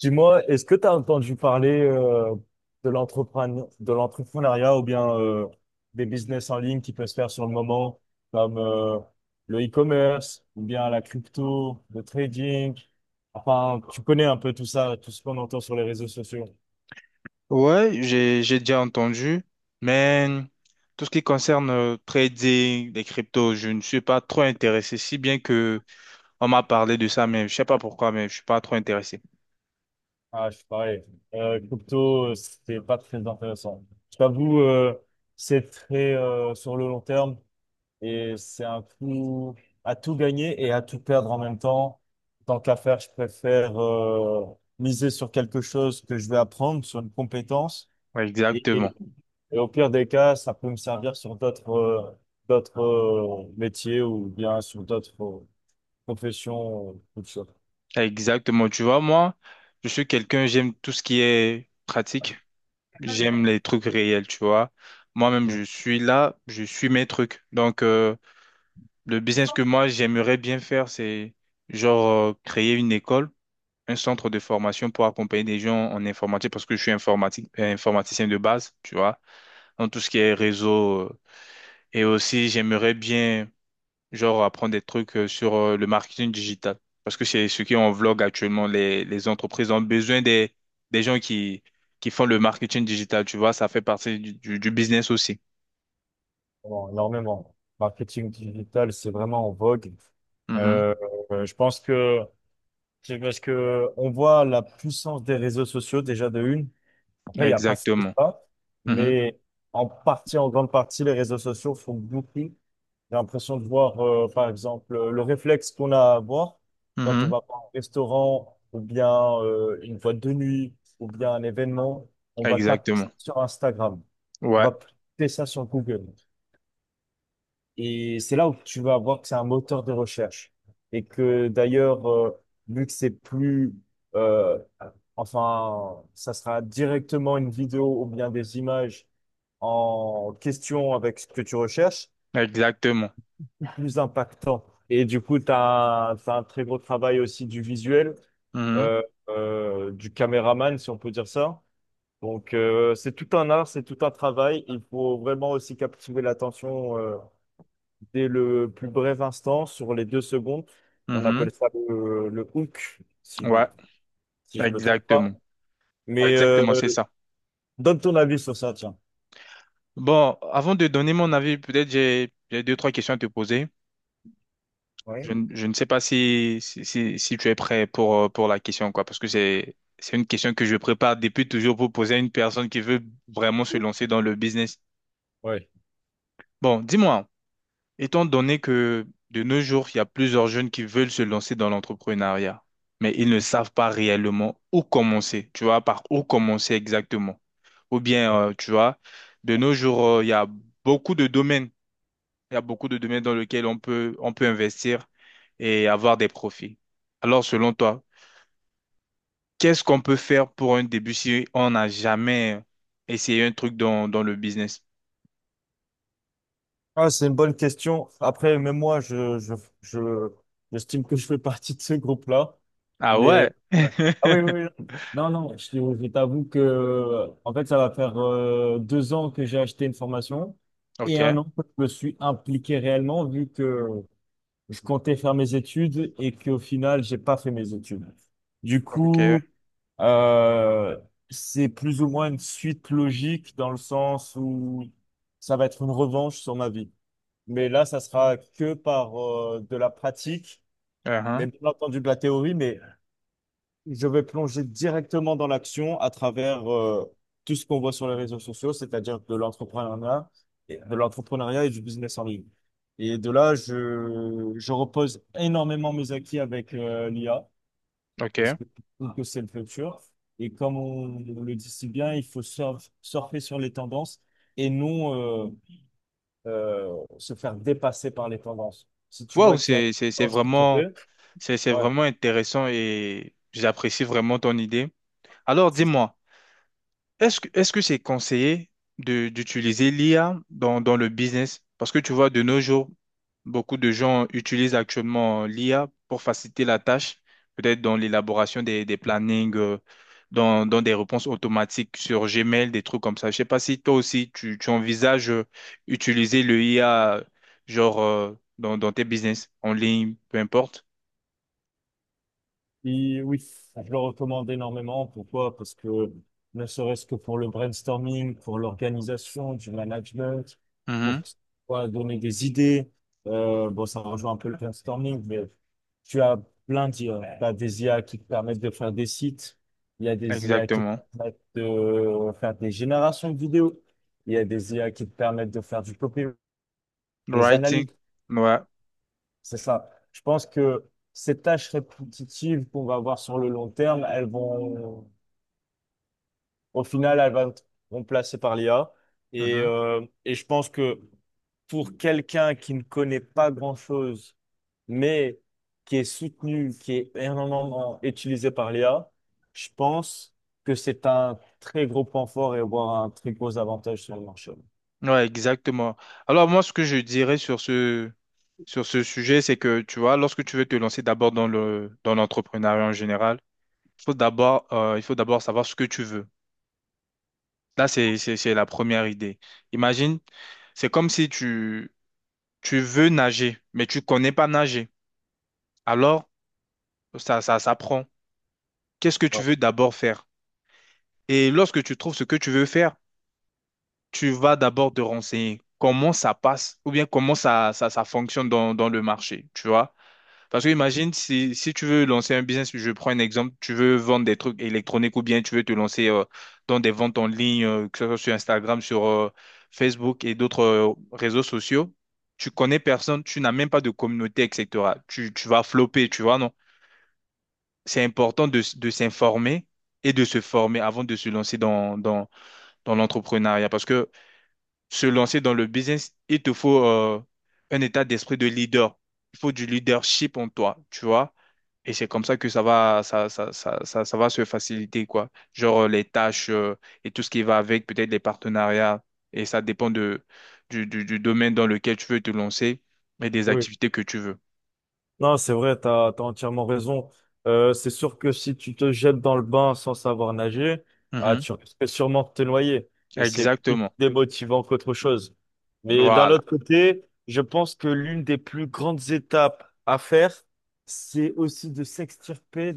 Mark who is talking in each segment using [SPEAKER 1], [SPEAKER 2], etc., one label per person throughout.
[SPEAKER 1] Dis-moi, est-ce que tu as entendu parler de l'entrepreneuriat ou bien des business en ligne qui peuvent se faire sur le moment, comme le e-commerce ou bien la crypto, le trading? Enfin, tu connais un peu tout ça, tout ce qu'on entend sur les réseaux sociaux.
[SPEAKER 2] Ouais, j'ai déjà entendu, mais tout ce qui concerne trading des cryptos, je ne suis pas trop intéressé, si bien que on m'a parlé de ça, mais je sais pas pourquoi, mais je suis pas trop intéressé.
[SPEAKER 1] Ah, je suis pareil. Crypto, c'est pas très intéressant. Je t'avoue, c'est très sur le long terme. Et c'est un coup à tout gagner et à tout perdre en même temps. Tant qu'à faire, je préfère miser sur quelque chose que je vais apprendre, sur une compétence.
[SPEAKER 2] Ouais,
[SPEAKER 1] Et,
[SPEAKER 2] exactement,
[SPEAKER 1] et- et au pire des cas, ça peut me servir sur d'autres métiers ou bien sur d'autres professions. Toutes sortes.
[SPEAKER 2] exactement. Tu vois, moi, je suis quelqu'un, j'aime tout ce qui est pratique. J'aime les trucs réels, tu vois. Moi-même,
[SPEAKER 1] Ouais.
[SPEAKER 2] je suis là, je suis mes trucs. Donc, le business que moi, j'aimerais bien faire, c'est genre créer une école, un centre de formation pour accompagner des gens en informatique, parce que je suis informatique, informaticien de base, tu vois, dans tout ce qui est réseau. Et aussi, j'aimerais bien genre apprendre des trucs sur le marketing digital. Parce que c'est ce qui est en vlog actuellement. Les entreprises ont besoin des gens qui font le marketing digital, tu vois, ça fait partie du business aussi.
[SPEAKER 1] Bon, énormément. Marketing digital, c'est vraiment en vogue.
[SPEAKER 2] Mhm.
[SPEAKER 1] Euh, je pense que c'est parce que on voit la puissance des réseaux sociaux déjà de une. Après, il n'y a pas tout
[SPEAKER 2] Exactement.
[SPEAKER 1] ça,
[SPEAKER 2] Mhm.
[SPEAKER 1] mais en partie, en grande partie, les réseaux sociaux font beaucoup. J'ai l'impression de voir, par exemple, le réflexe qu'on a à avoir quand on
[SPEAKER 2] Mhm.
[SPEAKER 1] va pas au restaurant ou bien une boîte de nuit ou bien un événement, on va taper ça
[SPEAKER 2] Exactement.
[SPEAKER 1] sur Instagram, on
[SPEAKER 2] Ouais,
[SPEAKER 1] va taper ça sur Google. Et c'est là où tu vas voir que c'est un moteur de recherche. Et que d'ailleurs, vu que c'est euh, enfin, ça sera directement une vidéo ou bien des images en question avec ce que tu recherches,
[SPEAKER 2] exactement.
[SPEAKER 1] plus impactant. Et du coup, tu as, un t'as un très gros travail aussi du visuel,
[SPEAKER 2] Mhm.
[SPEAKER 1] euh, du caméraman, si on peut dire ça. Donc, c'est tout un art, c'est tout un travail. Il faut vraiment aussi captiver l'attention, dès le plus bref instant, sur les 2 secondes. On
[SPEAKER 2] Mhm.
[SPEAKER 1] appelle ça le hook,
[SPEAKER 2] Ouais,
[SPEAKER 1] si je me trompe
[SPEAKER 2] exactement.
[SPEAKER 1] pas. Mais
[SPEAKER 2] Exactement, c'est ça.
[SPEAKER 1] donne ton avis sur ça, tiens.
[SPEAKER 2] Bon, avant de donner mon avis, peut-être j'ai deux, trois questions à te poser. Je,
[SPEAKER 1] Oui.
[SPEAKER 2] ne je ne sais pas si tu es prêt pour la question, quoi, parce que c'est une question que je prépare depuis toujours pour poser à une personne qui veut vraiment se lancer dans le business.
[SPEAKER 1] Ouais.
[SPEAKER 2] Bon, dis-moi, étant donné que de nos jours, il y a plusieurs jeunes qui veulent se lancer dans l'entrepreneuriat, mais ils ne savent pas réellement où commencer, tu vois, par où commencer exactement. Ou bien,
[SPEAKER 1] Ouais.
[SPEAKER 2] tu vois, de nos jours, il y a beaucoup de domaines beaucoup de domaines dans lesquels on peut investir et avoir des profits. Alors, selon toi, qu'est-ce qu'on peut faire pour un début si on n'a jamais essayé un truc dans le business?
[SPEAKER 1] Ah, c'est une bonne question. Après, même moi, je, j'estime que je fais partie de ce groupe-là.
[SPEAKER 2] Ah
[SPEAKER 1] Mais
[SPEAKER 2] ouais,
[SPEAKER 1] ah oui, oui, oui. Non, non, je t'avoue que en fait, ça va faire 2 ans que j'ai acheté une formation et un
[SPEAKER 2] ok,
[SPEAKER 1] an que je me suis impliqué réellement, vu que je comptais faire mes études et qu'au final, j'ai pas fait mes études. Du
[SPEAKER 2] ok,
[SPEAKER 1] coup, euh, c'est plus ou moins une suite logique dans le sens où ça va être une revanche sur ma vie. Mais là, ça sera que par de la pratique,
[SPEAKER 2] uh-huh,
[SPEAKER 1] même pas entendu de la théorie, mais je vais plonger directement dans l'action à travers tout ce qu'on voit sur les réseaux sociaux, c'est-à-dire de l'entrepreneuriat, de l'entrepreneuriat et du business en ligne. Et de là, je repose énormément mes acquis avec l'IA parce
[SPEAKER 2] ok.
[SPEAKER 1] que je trouve que c'est le futur. Et comme on le dit si bien, il faut surfer sur les tendances et non se faire dépasser par les tendances. Si tu
[SPEAKER 2] Wow,
[SPEAKER 1] vois qu'il y a une
[SPEAKER 2] c'est, c'est, c'est
[SPEAKER 1] tendance qui te
[SPEAKER 2] vraiment,
[SPEAKER 1] plaît,
[SPEAKER 2] c'est, c'est
[SPEAKER 1] ouais.
[SPEAKER 2] vraiment intéressant et j'apprécie vraiment ton idée. Alors, dis-moi, est-ce que c'est conseillé d'utiliser l'IA dans le business? Parce que tu vois, de nos jours, beaucoup de gens utilisent actuellement l'IA pour faciliter la tâche, peut-être dans l'élaboration des plannings, dans des réponses automatiques sur Gmail, des trucs comme ça. Je sais pas si toi aussi, tu envisages utiliser le IA, genre, dans tes business, en ligne, peu importe.
[SPEAKER 1] Et oui, je le recommande énormément. Pourquoi? Parce que ne serait-ce que pour le brainstorming, pour l'organisation, du management, pour
[SPEAKER 2] Mhm.
[SPEAKER 1] voilà, donner des idées. Bon, ça rejoint un peu le brainstorming, mais tu as plein d'IA. Tu as des IA qui te permettent de faire des sites. Il y a des IA qui te
[SPEAKER 2] Exactement.
[SPEAKER 1] permettent de faire des générations de vidéos. Il y a des IA qui te permettent de faire du copy, des
[SPEAKER 2] Writing.
[SPEAKER 1] analyses.
[SPEAKER 2] Ouais.
[SPEAKER 1] C'est ça. Je pense que ces tâches répétitives qu'on va avoir sur le long terme, elles vont, au final, elles vont être remplacées par l'IA. Et je pense que pour quelqu'un qui ne connaît pas grand-chose, mais qui est soutenu, qui est énormément utilisé par l'IA, je pense que c'est un très gros point fort et voire un très gros avantage sur le marché.
[SPEAKER 2] Ouais, exactement. Alors moi, ce que je dirais sur ce sujet, c'est que, tu vois, lorsque tu veux te lancer d'abord dans l'entrepreneuriat en général, il faut d'abord savoir ce que tu veux. Là, c'est la première idée. Imagine, c'est comme si tu veux nager, mais tu connais pas nager. Alors, ça s'apprend. Qu'est-ce que tu
[SPEAKER 1] Ouais.
[SPEAKER 2] veux d'abord faire? Et lorsque tu trouves ce que tu veux faire, tu vas d'abord te renseigner comment ça passe ou bien comment ça fonctionne dans le marché, tu vois? Parce que imagine si tu veux lancer un business, je prends un exemple, tu veux vendre des trucs électroniques ou bien tu veux te lancer dans des ventes en ligne, que ce soit sur Instagram, sur Facebook et d'autres réseaux sociaux, tu connais personne, tu n'as même pas de communauté, etc. Tu vas flopper, tu vois, non? C'est important de s'informer et de se former avant de se lancer dans l'entrepreneuriat. Parce que se lancer dans le business, il te faut un état d'esprit de leader. Il faut du leadership en toi, tu vois? Et c'est comme ça que ça va, ça va se faciliter, quoi. Genre les tâches et tout ce qui va avec, peut-être les partenariats. Et ça dépend du domaine dans lequel tu veux te lancer et des
[SPEAKER 1] Oui,
[SPEAKER 2] activités que tu veux.
[SPEAKER 1] non, c'est vrai, t'as entièrement raison. C'est sûr que si tu te jettes dans le bain sans savoir nager, ah,
[SPEAKER 2] Mhm.
[SPEAKER 1] tu risques sûrement de te noyer. Et c'est plus
[SPEAKER 2] Exactement.
[SPEAKER 1] démotivant qu'autre chose. Mais d'un
[SPEAKER 2] Voilà.
[SPEAKER 1] autre côté, je pense que l'une des plus grandes étapes à faire, c'est aussi de s'extirper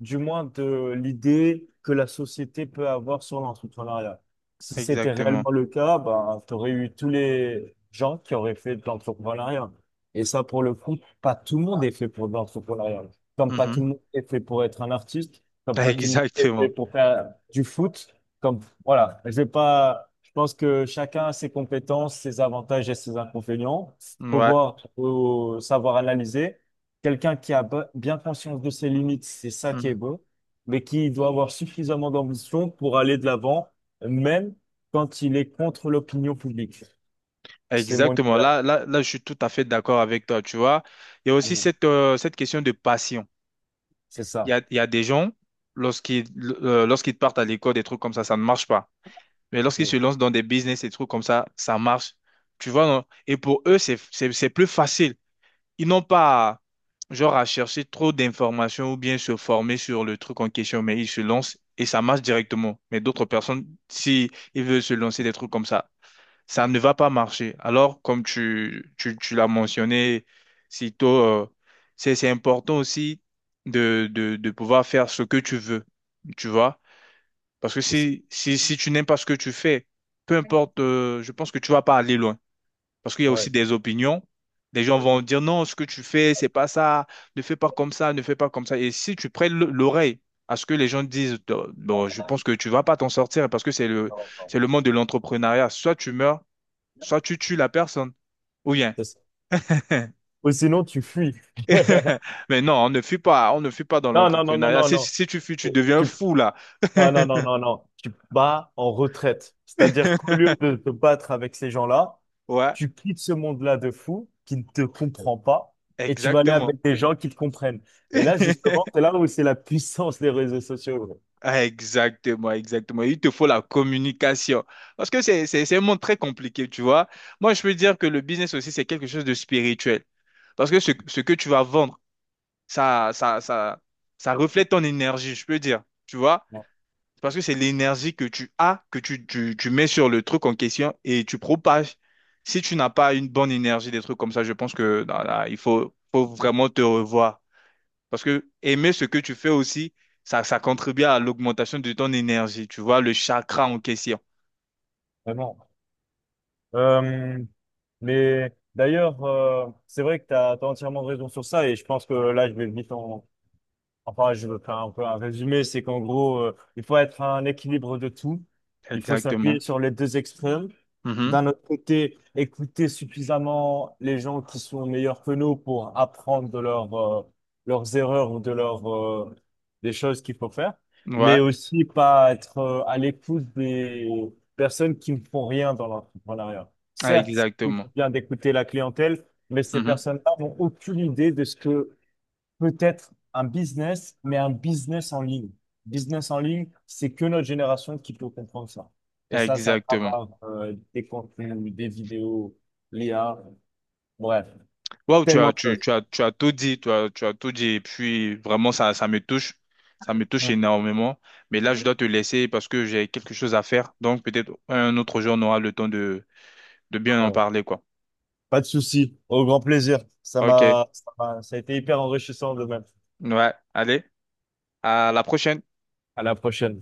[SPEAKER 1] du moins de l'idée que la société peut avoir sur l'entrepreneuriat. Si c'était
[SPEAKER 2] Exactement.
[SPEAKER 1] réellement le cas, ben, tu aurais eu tous les gens qui auraient fait de l'entrepreneuriat. Et ça, pour le coup, pas tout le monde est fait pour de l'entrepreneuriat. Comme pas tout
[SPEAKER 2] Mhm.
[SPEAKER 1] le monde est fait pour être un artiste, comme pas tout le monde est fait
[SPEAKER 2] Exactement.
[SPEAKER 1] pour faire du foot, comme, voilà, je vais pas, je pense que chacun a ses compétences, ses avantages et ses inconvénients. Faut
[SPEAKER 2] Ouais.
[SPEAKER 1] voir, faut savoir analyser. Quelqu'un qui a bien conscience de ses limites, c'est ça qui est
[SPEAKER 2] Mhm.
[SPEAKER 1] beau, mais qui doit avoir suffisamment d'ambition pour aller de l'avant, même quand il est contre l'opinion publique. C'est mon
[SPEAKER 2] Exactement.
[SPEAKER 1] idéal.
[SPEAKER 2] Là, là, là, je suis tout à fait d'accord avec toi, tu vois. Il y a aussi
[SPEAKER 1] Oui.
[SPEAKER 2] cette question de passion.
[SPEAKER 1] C'est
[SPEAKER 2] Il y
[SPEAKER 1] ça.
[SPEAKER 2] a, il y a des gens, lorsqu'ils lorsqu'ils partent à l'école, des trucs comme ça ne marche pas. Mais lorsqu'ils se
[SPEAKER 1] Oui.
[SPEAKER 2] lancent dans des business et trucs comme ça marche. Tu vois, non? Et pour eux, c'est plus facile. Ils n'ont pas, à chercher trop d'informations ou bien se former sur le truc en question, mais ils se lancent et ça marche directement. Mais d'autres personnes, si ils veulent se lancer des trucs comme ça ne va pas marcher. Alors, comme tu l'as mentionné si tôt, c'est important aussi de pouvoir faire ce que tu veux. Tu vois? Parce que
[SPEAKER 1] C'est ça.
[SPEAKER 2] si tu n'aimes pas ce que tu fais, peu importe, je pense que tu vas pas aller loin. Parce qu'il y a aussi
[SPEAKER 1] Ouais.
[SPEAKER 2] des opinions. Des gens vont dire non, ce que tu fais, c'est pas ça, ne fais pas comme ça, ne fais pas comme ça. Et si tu prêtes l'oreille à ce que les gens disent, bon, je pense que tu vas pas t'en sortir parce que c'est le,
[SPEAKER 1] Non, non.
[SPEAKER 2] c'est le monde de l'entrepreneuriat. Soit tu meurs, soit tu tues la personne, ou bien.
[SPEAKER 1] C'est ça. Ou sinon, tu fuis.
[SPEAKER 2] Mais non, on ne fuit pas, on ne fuit pas dans
[SPEAKER 1] Non, non, non, non,
[SPEAKER 2] l'entrepreneuriat.
[SPEAKER 1] non,
[SPEAKER 2] Si,
[SPEAKER 1] non.
[SPEAKER 2] si tu fuis, tu deviens
[SPEAKER 1] Tu
[SPEAKER 2] fou là.
[SPEAKER 1] Non, non, non, non, non. Tu te bats en retraite. C'est-à-dire qu'au lieu de te battre avec ces gens-là,
[SPEAKER 2] Ouais,
[SPEAKER 1] tu quittes ce monde-là de fou qui ne te comprend pas et tu vas aller
[SPEAKER 2] exactement.
[SPEAKER 1] avec des gens qui te comprennent. Et là, justement, c'est là où c'est la puissance des réseaux sociaux. Ouais.
[SPEAKER 2] Ah, exactement, exactement. Il te faut la communication. Parce que c'est un monde très compliqué, tu vois. Moi, je peux dire que le business aussi, c'est quelque chose de spirituel. Parce que ce que tu vas vendre, ça, ça, ça, ça reflète ton énergie, je peux dire. Tu vois?
[SPEAKER 1] Non,
[SPEAKER 2] Parce que c'est l'énergie que tu as, que tu mets sur le truc en question et tu propages. Si tu n'as pas une bonne énergie, des trucs comme ça, je pense que là, il faut, faut vraiment te revoir. Parce que aimer ce que tu fais aussi, ça contribue à l'augmentation de ton énergie, tu vois, le chakra
[SPEAKER 1] non,
[SPEAKER 2] en question.
[SPEAKER 1] vraiment. Euh, mais d'ailleurs, c'est vrai que tu as, entièrement raison sur ça et je pense que là, je vais venir. En Enfin, je veux faire un peu un résumé, c'est qu'en gros, il faut être un équilibre de tout. Il faut s'appuyer
[SPEAKER 2] Exactement.
[SPEAKER 1] sur les deux extrêmes.
[SPEAKER 2] Mhm.
[SPEAKER 1] D'un autre côté, écouter suffisamment les gens qui sont meilleurs que nous pour apprendre de leurs erreurs ou de leurs des choses qu'il faut faire. Mais
[SPEAKER 2] Ouais,
[SPEAKER 1] aussi pas être à l'écoute des personnes qui ne font rien dans l'entrepreneuriat. Certes, c'est
[SPEAKER 2] exactement.
[SPEAKER 1] toujours bien d'écouter la clientèle, mais ces
[SPEAKER 2] Mhm.
[SPEAKER 1] personnes-là n'ont aucune idée de ce que peut-être un business, mais un business en ligne. Business en ligne, c'est que notre génération qui peut comprendre ça. Et ça, ça
[SPEAKER 2] Exactement.
[SPEAKER 1] va des contenus, des vidéos, l'IA, bref,
[SPEAKER 2] Wow, tu
[SPEAKER 1] tellement
[SPEAKER 2] as,
[SPEAKER 1] de
[SPEAKER 2] tu,
[SPEAKER 1] choses.
[SPEAKER 2] tu as, tu as tout dit, tu as tout dit. Et puis, vraiment, ça me touche. Ça me touche
[SPEAKER 1] Mm.
[SPEAKER 2] énormément. Mais là, je dois te laisser parce que j'ai quelque chose à faire. Donc, peut-être un autre jour, on aura le temps de bien en
[SPEAKER 1] Ouais.
[SPEAKER 2] parler, quoi.
[SPEAKER 1] Pas de souci, au grand plaisir.
[SPEAKER 2] OK.
[SPEAKER 1] Ça a été hyper enrichissant de même.
[SPEAKER 2] Ouais. Allez, à la prochaine.
[SPEAKER 1] À la prochaine.